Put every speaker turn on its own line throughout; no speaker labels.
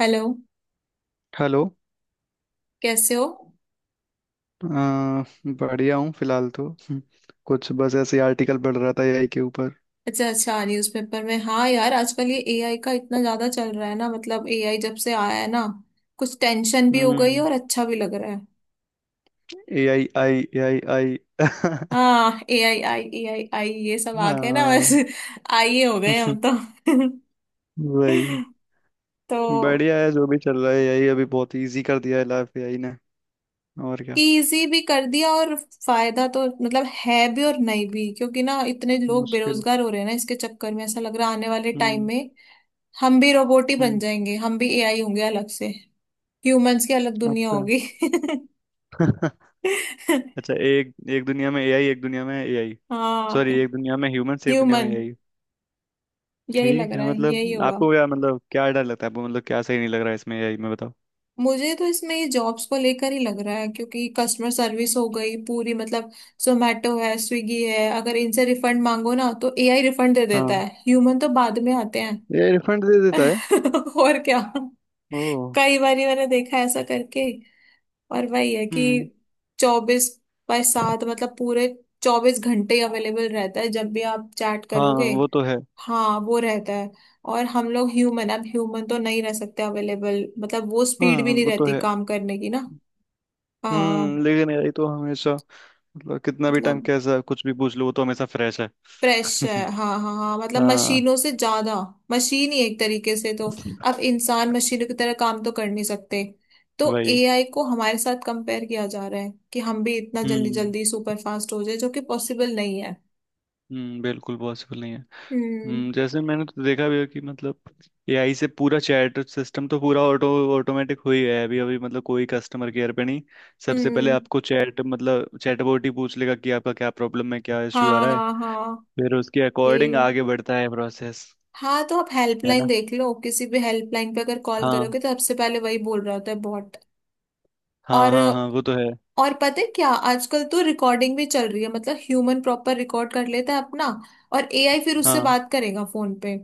Hello.
Hello.
कैसे हो?
अ, बढ़िया हूँ फिलहाल तो, कुछ बस ऐसे ही आर्टिकल पढ़ रहा था एआई के ऊपर।
अच्छा अच्छा, न्यूज़पेपर में। हाँ यार, आजकल ये एआई का इतना ज्यादा चल रहा है ना। मतलब एआई जब से आया है ना, कुछ टेंशन भी हो गई है
हम्म।
और अच्छा भी लग रहा है।
ए आई आई ए आई आई।
हाँ, एआई आई एआई आई, ये सब आ गए ना बस।
हाँ।
आई हो गए हम तो।
वही।
तो
बढ़िया है जो भी चल रहा है। एआई अभी बहुत इजी कर दिया है लाइफ एआई ने। और क्या।
इजी भी कर दिया। और फायदा तो मतलब है भी और नहीं भी, क्योंकि ना इतने लोग
मुश्किल।
बेरोजगार हो रहे हैं ना इसके चक्कर में। ऐसा लग रहा है आने वाले टाइम
हम्म।
में हम भी रोबोट ही बन
हम्म।
जाएंगे, हम भी एआई होंगे अलग से। ह्यूमंस की अलग दुनिया
अच्छा।
होगी।
अच्छा। एक एक दुनिया में एआई, एक दुनिया में एआई।
हाँ,
सॉरी, एक दुनिया में ह्यूमंस, एक दुनिया में
ह्यूमन।
एआई।
यही लग
ठीक है।
रहा है, यही
मतलब
होगा।
आपको क्या, मतलब क्या डर लगता है आपको, मतलब क्या सही नहीं लग रहा है इसमें एआई में।
मुझे तो इसमें ये जॉब्स को लेकर ही लग रहा है, क्योंकि कस्टमर सर्विस हो गई पूरी। मतलब जोमेटो है, स्विगी है, अगर इनसे रिफंड मांगो ना तो एआई रिफंड दे देता
बताओ,
है, ह्यूमन तो बाद में आते हैं।
ये रिफंड दे देता है।
और क्या।
ओ।
कई बार मैंने देखा है ऐसा करके। और वही है कि
हम्म।
24/7, मतलब पूरे 24 घंटे अवेलेबल रहता है जब भी आप चैट
हाँ
करोगे।
वो तो है।
हाँ, वो रहता है। और हम लोग ह्यूमन, अब ह्यूमन तो नहीं रह सकते अवेलेबल। मतलब वो
हाँ
स्पीड भी नहीं
वो तो
रहती
है।
काम करने की ना। हाँ।
हम्म। लेकिन यार ये तो हमेशा मतलब कितना भी टाइम,
मतलब
कैसा कुछ भी पूछ लो, वो तो हमेशा फ्रेश है।
फ्रेश है। हाँ हाँ हाँ, मतलब
हाँ।
मशीनों से ज्यादा। मशीन ही एक तरीके से तो। अब इंसान मशीनों की तरह काम तो कर नहीं सकते। तो
वही।
एआई को हमारे साथ कंपेयर किया जा रहा है कि हम भी इतना जल्दी
हम्म।
जल्दी सुपर फास्ट हो जाए, जो कि पॉसिबल नहीं है।
हम्म, बिल्कुल पॉसिबल नहीं है।
हम्म।
हम्म। जैसे मैंने तो देखा भी है कि मतलब एआई से पूरा चैट सिस्टम तो पूरा ऑटोमेटिक हो ही गया है अभी अभी। मतलब कोई कस्टमर केयर पे नहीं। सबसे पहले
हम्म।
आपको चैट मतलब चैटबॉट ही पूछ लेगा कि आपका क्या प्रॉब्लम है, क्या इश्यू आ
हाँ
रहा है।
हाँ हाँ।
फिर उसके अकॉर्डिंग
ये
आगे बढ़ता है प्रोसेस।
हाँ, तो आप
है
हेल्पलाइन
ना?
देख लो, किसी भी हेल्पलाइन पे अगर कॉल
हाँ
करोगे तो सबसे पहले वही बोल रहा होता है, बॉट।
हाँ
और
हाँ। हाँ वो तो है।
और पता है क्या, आजकल तो रिकॉर्डिंग भी चल रही है। मतलब ह्यूमन प्रॉपर रिकॉर्ड कर लेता है अपना, और एआई फिर उससे
हाँ।
बात करेगा फोन पे।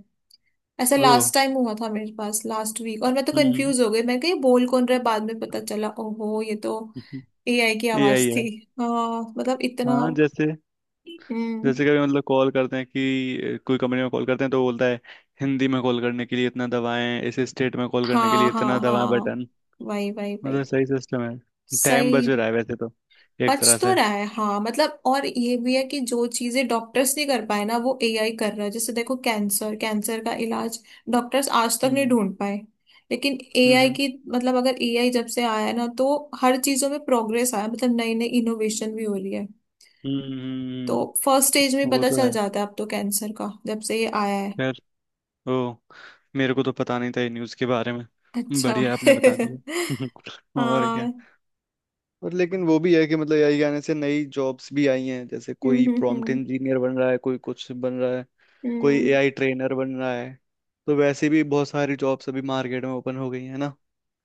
ऐसा
ओ।
लास्ट टाइम हुआ था मेरे पास, लास्ट वीक। और मैं तो
हम्म। हम्म।
कंफ्यूज हो गई, मैं कही बोल कौन रहा है। बाद में पता चला, ओहो ये तो
हम्म। हम्म।
एआई की
ए
आवाज
आई है।
थी। हाँ, मतलब इतना।
हाँ। जैसे
हम्म।
जैसे कभी मतलब कॉल करते हैं कि कोई कंपनी में कॉल करते हैं तो बोलता है, हिंदी में कॉल करने के लिए इतना दबाएं, इस स्टेट में कॉल करने के
हाँ
लिए इतना
हाँ
दबाएं बटन।
हाँ, वही वही वही।
मतलब सही सिस्टम है, टाइम बच
सही।
रहा है वैसे तो। एक तरह
बच तो
से।
रहा है हाँ। मतलब और ये भी है कि जो चीजें डॉक्टर्स नहीं कर पाए ना, वो एआई कर रहा है। जैसे देखो, कैंसर, कैंसर का इलाज डॉक्टर्स आज तक नहीं
हम्म।
ढूंढ पाए, लेकिन
हम्म।
एआई
हम्म।
की, मतलब अगर एआई जब से आया है ना, तो हर चीजों में प्रोग्रेस आया। मतलब नई नई इनोवेशन भी हो रही है।
हम्म।
तो
हम्म।
फर्स्ट स्टेज में
वो
पता
तो
चल
है।
जाता है अब तो, कैंसर का जब से ये आया है।
खैर। ओ। मेरे को तो पता नहीं था ये न्यूज़ के बारे में।
अच्छा।
बढ़िया, आपने बता दिया। और क्या।
हाँ।
और लेकिन वो भी है कि मतलब एआई आने से नई जॉब्स भी आई हैं। जैसे कोई प्रॉम्प्ट
हम्म।
इंजीनियर बन रहा है, कोई कुछ बन रहा है, कोई
हम्म।
एआई ट्रेनर बन रहा है। तो वैसे भी बहुत सारी जॉब्स अभी मार्केट में ओपन हो गई है ना।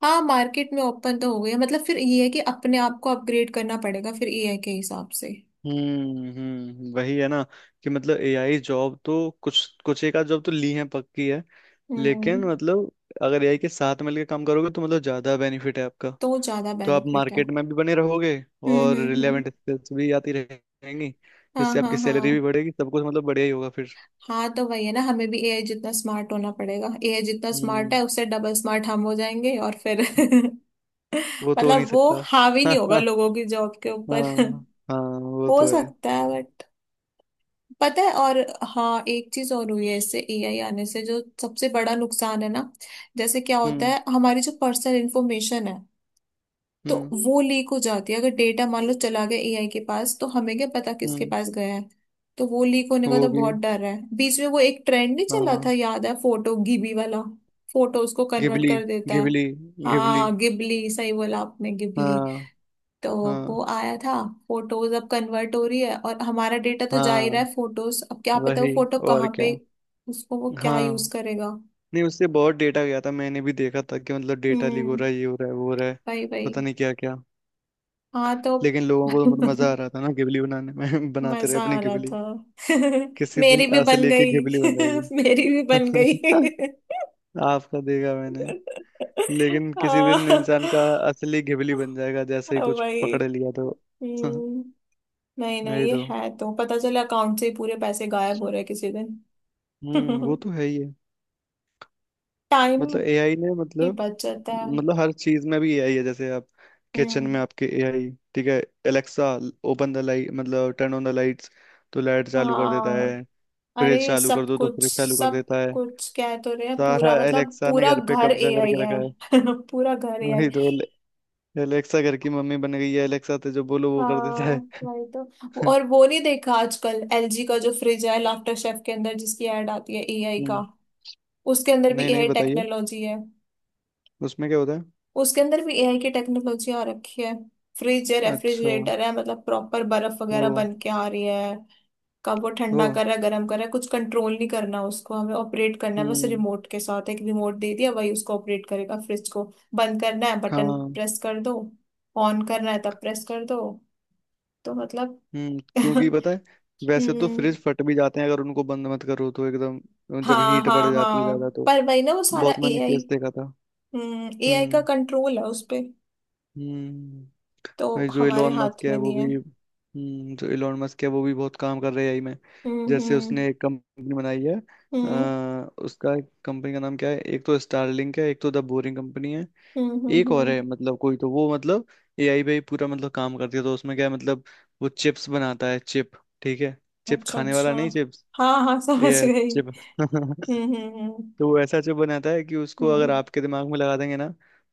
हाँ, मार्केट में ओपन तो हो गई है। मतलब फिर ये है कि अपने आप को अपग्रेड करना पड़ेगा फिर एआई के हिसाब से।
हम्म। हम्म, वही है ना कि मतलब एआई जॉब तो कुछ कुछ एक आध जॉब तो ली है, पक्की है।
हम्म।
लेकिन मतलब अगर एआई के साथ मिलकर काम करोगे तो मतलब ज्यादा बेनिफिट है आपका।
तो ज्यादा
तो आप
बेनिफिट है।
मार्केट में भी बने रहोगे, और
हम्म।
रिलेवेंट स्किल्स भी आती रहेंगी,
हाँ
जिससे आपकी
हाँ हाँ।
सैलरी भी बढ़ेगी, सब कुछ मतलब बढ़िया ही होगा फिर।
हाँ तो वही है ना, हमें भी एआई जितना स्मार्ट होना पड़ेगा। एआई जितना स्मार्ट
हम्म।
है उससे डबल स्मार्ट हम हो जाएंगे और फिर
वो तो हो नहीं
मतलब वो
सकता।
हावी नहीं होगा
हाँ।
लोगों की जॉब के ऊपर।
हाँ हाँ वो
हो
तो है।
सकता है, बट पता है। और हाँ, एक चीज और हुई है इससे, एआई आने से जो सबसे बड़ा नुकसान है ना, जैसे क्या होता
हम्म।
है, हमारी जो पर्सनल इन्फॉर्मेशन है, तो
हम्म।
वो लीक हो जाती है। अगर डेटा मान लो चला गया एआई के पास, तो हमें क्या पता किसके
हम्म।
पास गया है। तो वो लीक होने का
वो
तो
भी
बहुत
है।
डर है। बीच में वो एक ट्रेंड नहीं चला था
हाँ।
याद है, फोटो गिबी वाला। फोटो उसको कन्वर्ट
घिबली।
कर देता है।
घिबली। घिबली।
हाँ गिबली, सही बोला आपने, गिबली।
हाँ
तो वो
हाँ
आया था। फोटोज अब कन्वर्ट हो रही है, और हमारा डेटा तो जा ही रहा
हाँ।
है। फोटोज, अब क्या पता वो
वही।
फोटो
और
कहाँ
क्या।
पे, उसको वो क्या यूज
हाँ।
करेगा।
नहीं, उससे बहुत डेटा गया था। मैंने भी देखा था कि मतलब डेटा लीक हो
हम्म।
रहा है, ये हो रहा है, वो हो रहा है,
भाई भाई।
पता नहीं क्या क्या।
हाँ तो
लेकिन लोगों को तो मजा आ रहा था ना, घिबली बनाने में। बनाते रहे
मजा
अपनी
आ रहा
घिबली।
था।
किसी दिन
मेरी भी
ऐसे
बन
लेके
गई।
घिबली बन जाएगी।
मेरी भी बन गई।
आपका देखा मैंने। लेकिन किसी दिन
ओ
इंसान का असली घिबली बन जाएगा, जैसे ही कुछ
भाई।
पकड़ लिया तो।
हम्म। नहीं नहीं,
नहीं
ये
तो।
है तो पता चला अकाउंट से ही पूरे पैसे गायब हो रहे किसी दिन।
हम्म, वो तो है ही है। मतलब
टाइम
एआई ने
की
मतलब
बचत है।
मतलब हर चीज में भी एआई है। जैसे आप किचन
हम्म।
में, आपके एआई। ठीक है, एलेक्सा ओपन द लाइट मतलब टर्न ऑन द लाइट्स, तो लाइट चालू कर देता
हाँ
है। फ्रिज
अरे,
चालू कर
सब
दो तो
कुछ,
फ्रिज चालू कर
सब
देता है।
कुछ कह तो रहे हैं
सारा
पूरा, मतलब
एलेक्सा ने
पूरा
घर पे
घर
कब्जा
एआई
करके रखा
है।
है।
पूरा घर एआई।
वही तो। एलेक्सा घर की मम्मी बन गई है, एलेक्सा तो जो बोलो वो कर देता
हाँ
है।
वही तो। और वो नहीं देखा आजकल एलजी का जो फ्रिज है, लाफ्टर शेफ के अंदर जिसकी ऐड आती है एआई का,
हम्म।
उसके अंदर भी
नहीं, नहीं,
एआई
बताइए
टेक्नोलॉजी है।
उसमें क्या होता है।
उसके अंदर भी एआई की टेक्नोलॉजी आ रखी है। फ्रिज है,
अच्छा।
रेफ्रिजरेटर है, मतलब प्रॉपर बर्फ
ओ।
वगैरह बन के आ रही है। कब वो
तो
ठंडा कर रहा है, गर्म कर रहा है, कुछ कंट्रोल नहीं करना उसको। हमें ऑपरेट करना है बस
हम्म।
रिमोट के साथ, एक रिमोट दे दिया, वही उसको ऑपरेट करेगा, फ्रिज को। बंद करना है बटन
हाँ।
प्रेस कर दो, ऑन करना है तब प्रेस कर दो। तो मतलब
हम्म, क्योंकि पता है, वैसे तो
हम्म।
फ्रिज फट भी जाते हैं अगर उनको बंद मत करो तो, एकदम जब
हाँ
हीट बढ़
हाँ
जाती है
हाँ,
ज्यादा तो।
पर वही ना, वो सारा
बहुत मैंने
एआई,
केस देखा था।
एआई का
हम्म।
कंट्रोल है उस पे।
हम्म।
तो
भाई,
हमारे हाथ में नहीं है।
जो इलोन मस्क है वो भी बहुत काम कर रहे हैं आई में। जैसे
हम्म।
उसने एक कंपनी बनाई है।
हम्म
उसका कंपनी का नाम क्या है, एक तो स्टारलिंक है, एक तो द बोरिंग कंपनी है।
हम्म।
एक और है, मतलब कोई तो वो, मतलब एआई पे ही पूरा मतलब काम करती है। तो उसमें क्या है मतलब, वो चिप्स बनाता है, चिप। ठीक है, चिप
अच्छा
खाने
अच्छा,
वाला नहीं, चिप्स।
हाँ हाँ समझ
ये
गई।
चिप।
हम्म हम्म
तो वो ऐसा चिप बनाता है कि उसको
हम्म।
अगर
हम्म।
आपके दिमाग में लगा देंगे ना,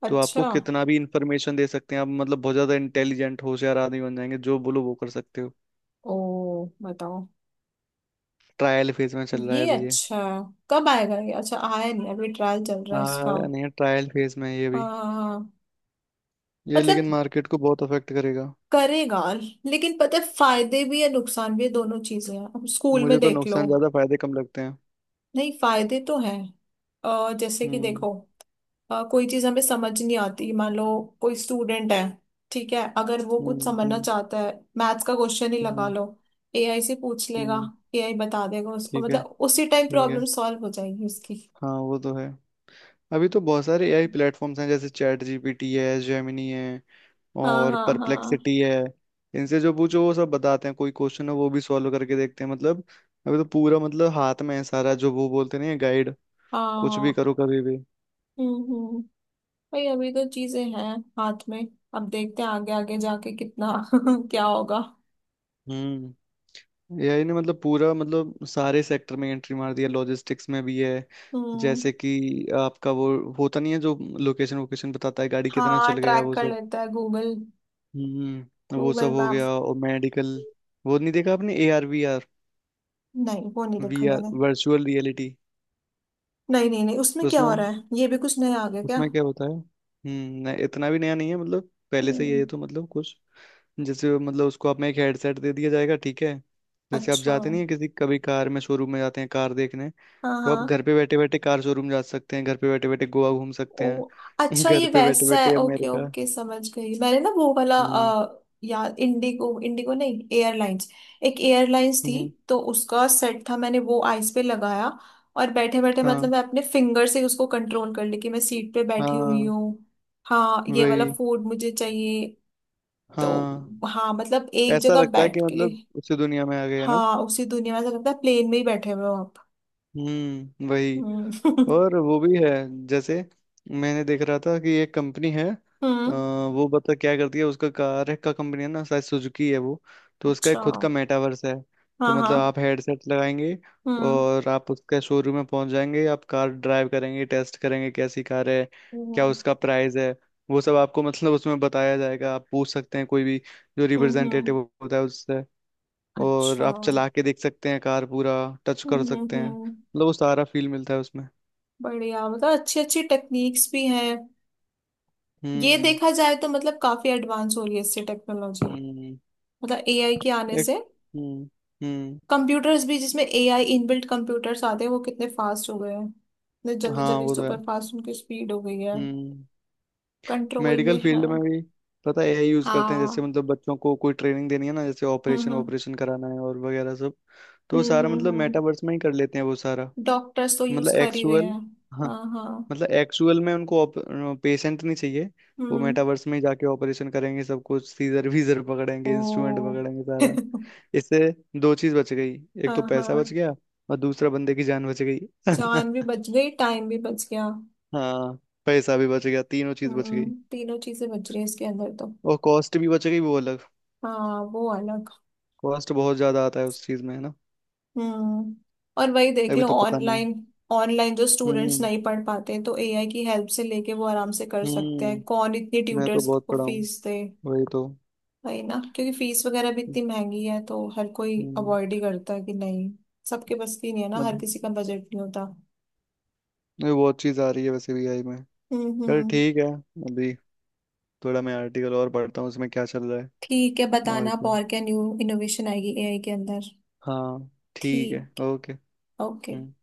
तो
अच्छा।
आपको कितना भी इंफॉर्मेशन दे सकते हैं। आप मतलब बहुत ज्यादा इंटेलिजेंट, होशियार आदमी बन जाएंगे, जो बोलो वो कर सकते हो।
ओ, बताओ।
ट्रायल फेज में चल रहा है
ये
अभी ये।
अच्छा, कब आएगा ये? अच्छा, आया नहीं अभी ट्रायल चल रहा है इसका।
हाँ।
हाँ
नहीं, ट्रायल फेज में है ये
हाँ
भी।
हाँ।
ये लेकिन
मतलब
मार्केट को बहुत अफेक्ट करेगा।
करेगा, लेकिन पता है फायदे भी है नुकसान भी है, दोनों चीजें हैं। अब स्कूल में
मुझे तो
देख लो,
नुकसान ज्यादा, फायदे कम लगते हैं।
नहीं फायदे तो हैं। जैसे कि
हम्म।
देखो, कोई चीज हमें समझ नहीं आती मान लो। कोई स्टूडेंट है, ठीक है, अगर वो कुछ
हम्म।
समझना
हम्म।
चाहता है, मैथ्स का क्वेश्चन ही लगा
हम्म।
लो, एआई से पूछ लेगा,
हम्म।
एआई बता देगा उसको।
ठीक है।
मतलब उसी टाइम
ठीक है।
प्रॉब्लम सॉल्व हो जाएगी उसकी।
हाँ वो तो है। अभी तो बहुत सारे एआई प्लेटफॉर्म्स हैं, जैसे चैट जीपीटी है, जेमिनी है,
हाँ
और
हाँ हाँ।
परप्लेक्सिटी है। इनसे जो पूछो वो सब बताते हैं, कोई क्वेश्चन है वो भी सॉल्व करके देखते हैं मतलब। अभी तो पूरा मतलब हाथ में है सारा, जो वो बोलते नहीं है, गाइड। कुछ भी
हाँ।
करो कभी भी।
हम्म हम्म हम्म। भाई अभी तो चीजें हैं हाथ में, अब देखते हैं आगे आगे जाके कितना क्या होगा।
हम्म। एआई ने मतलब पूरा मतलब सारे सेक्टर में एंट्री मार दिया, लॉजिस्टिक्स में भी है।
हम्म।
जैसे कि आपका वो होता नहीं है जो लोकेशन वोकेशन बताता है, गाड़ी कितना
हाँ
चल गया
ट्रैक
वो
कर
सब।
लेता है गूगल,
हम्म, वो
गूगल
सब हो
मैप।
गया, और मेडिकल। वो नहीं देखा आपने ए आर वी आर?
नहीं वो नहीं
वी
देखा
आर
मैंने।
Virtual reality.
नहीं नहीं नहीं, उसमें क्या हो
उसमें
रहा है, ये भी कुछ नया आ गया क्या?
उसमें क्या होता है? हम्म, नहीं, इतना भी नया नहीं है, मतलब पहले से ही है
हम्म।
ये तो मतलब, कुछ। जैसे मतलब उसको आप में एक हेडसेट दे दिया जाएगा, ठीक है। जैसे आप
अच्छा,
जाते नहीं है किसी कभी कार में, शोरूम में जाते हैं कार देखने।
हाँ
तो आप
हाँ।
घर पे बैठे बैठे कार शोरूम जा सकते हैं, घर पे बैठे बैठे गोवा घूम सकते
ओ
हैं,
अच्छा,
घर
ये
पे बैठे
वैसा
बैठे
है। Okay
America.
ओके समझ गई मैंने। ना वो वाला
हम्म।
यार, इंडिगो, इंडिगो नहीं एयरलाइंस, एक एयरलाइंस थी।
हम्म।
तो उसका सेट था मैंने, वो आइस पे लगाया। और बैठे बैठे मतलब
हाँ।
मैं अपने फिंगर से उसको कंट्रोल कर ली कि मैं सीट पे बैठी हुई
हाँ।
हूँ, हाँ ये वाला
वही।
फूड मुझे चाहिए। तो
हाँ।
हाँ मतलब एक
ऐसा
जगह
लगता है
बैठ
कि
के,
मतलब उसी दुनिया में आ गए है ना।
हाँ उसी दुनिया में, ऐसा लगता है प्लेन में ही बैठे हुए हो।
हम्म, वही।
हम्म
और वो भी है, जैसे मैंने देख रहा था कि एक कंपनी है,
हम्म।
वो बता क्या करती है। उसका कार है का कंपनी है ना, शायद सुजुकी है वो। तो उसका एक
अच्छा,
खुद का मेटावर्स है। तो
हाँ हाँ।
मतलब आप हेडसेट लगाएंगे,
हम्म
और आप उसके शोरूम में पहुंच जाएंगे, आप कार ड्राइव करेंगे, टेस्ट करेंगे कैसी कार है, क्या
हम्म।
उसका प्राइस है। वो सब आपको मतलब उसमें बताया जाएगा, आप पूछ सकते हैं कोई भी, जो
हम्म।
रिप्रेजेंटेटिव होता है उससे। और
अच्छा
आप चला के देख सकते हैं कार पूरा, टच कर
हम्म।
सकते हैं
हम्म।
मतलब, वो सारा फील मिलता है उसमें।
बढ़िया, मतलब अच्छी अच्छी टेक्निक्स भी हैं। ये
हम्म।
देखा जाए तो मतलब काफी एडवांस हो रही है इससे टेक्नोलॉजी,
हम्म।
मतलब एआई के आने
एक।
से।
हम्म। हम्म।
कंप्यूटर्स भी जिसमें एआई इनबिल्ट कंप्यूटर्स आते हैं, वो कितने फास्ट हो गए हैं। इतने जल्दी
हाँ
जल्दी
वो तो है।
सुपर फास्ट उनकी स्पीड हो गई है,
हम्म।
कंट्रोल में
मेडिकल
है।
फील्ड में भी पता है एआई यूज करते हैं। जैसे
हाँ।
मतलब बच्चों को कोई ट्रेनिंग देनी है ना, जैसे ऑपरेशन
हम्म
ऑपरेशन कराना है और वगैरह सब, तो वो सारा
हम्म।
मतलब
हम्म।
मेटावर्स में ही कर लेते हैं वो सारा।
डॉक्टर्स तो यूज
मतलब
कर ही हुए
एक्चुअल।
हैं।
हाँ,
हाँ हाँ।
मतलब एक्चुअल में उनको पेशेंट नहीं चाहिए। वो
हम्म।
मेटावर्स में ही जाके ऑपरेशन करेंगे, सब कुछ, सीजर वीजर
ओ
पकड़ेंगे, इंस्ट्रूमेंट पकड़ेंगे सारा।
हाँ।
इससे दो चीज बच गई, एक तो पैसा बच
हाँ,
गया, और दूसरा बंदे की जान बच गई।
जान भी बच गई, टाइम भी बच गया।
हाँ, पैसा भी बच गया, तीनों चीज बच गई।
हम्म, तीनों चीजें बच रही है इसके अंदर तो।
और कॉस्ट भी बच गई, वो अलग।
हाँ वो अलग।
कॉस्ट बहुत ज्यादा आता है उस चीज में है ना।
हम्म, और वही देख
अभी
लो
तो पता नहीं।
ऑनलाइन, ऑनलाइन जो स्टूडेंट्स
हम्म।
नहीं पढ़ पाते हैं, तो एआई की हेल्प से लेके वो आराम से कर सकते हैं।
हम्म।
कौन इतनी
मैं तो
ट्यूटर्स
बहुत
को
पढ़ा हूँ।
फीस दे।
वही तो।
वही ना, क्योंकि फीस वगैरह भी इतनी महंगी है तो हर कोई
हम्म।
अवॉइड ही करता है, कि नहीं सबके बस की नहीं है ना, हर
अभी
किसी का बजट नहीं होता।
अभी बहुत चीज आ रही है वैसे भी आई में। चल,
हम्म।
ठीक है। अभी थोड़ा मैं आर्टिकल और पढ़ता हूँ, उसमें क्या चल रहा है
ठीक है,
और
बताना आप
क्या।
और क्या न्यू इनोवेशन आएगी एआई के अंदर।
हाँ ठीक है,
ठीक।
ओके।
ओके।
हम्म।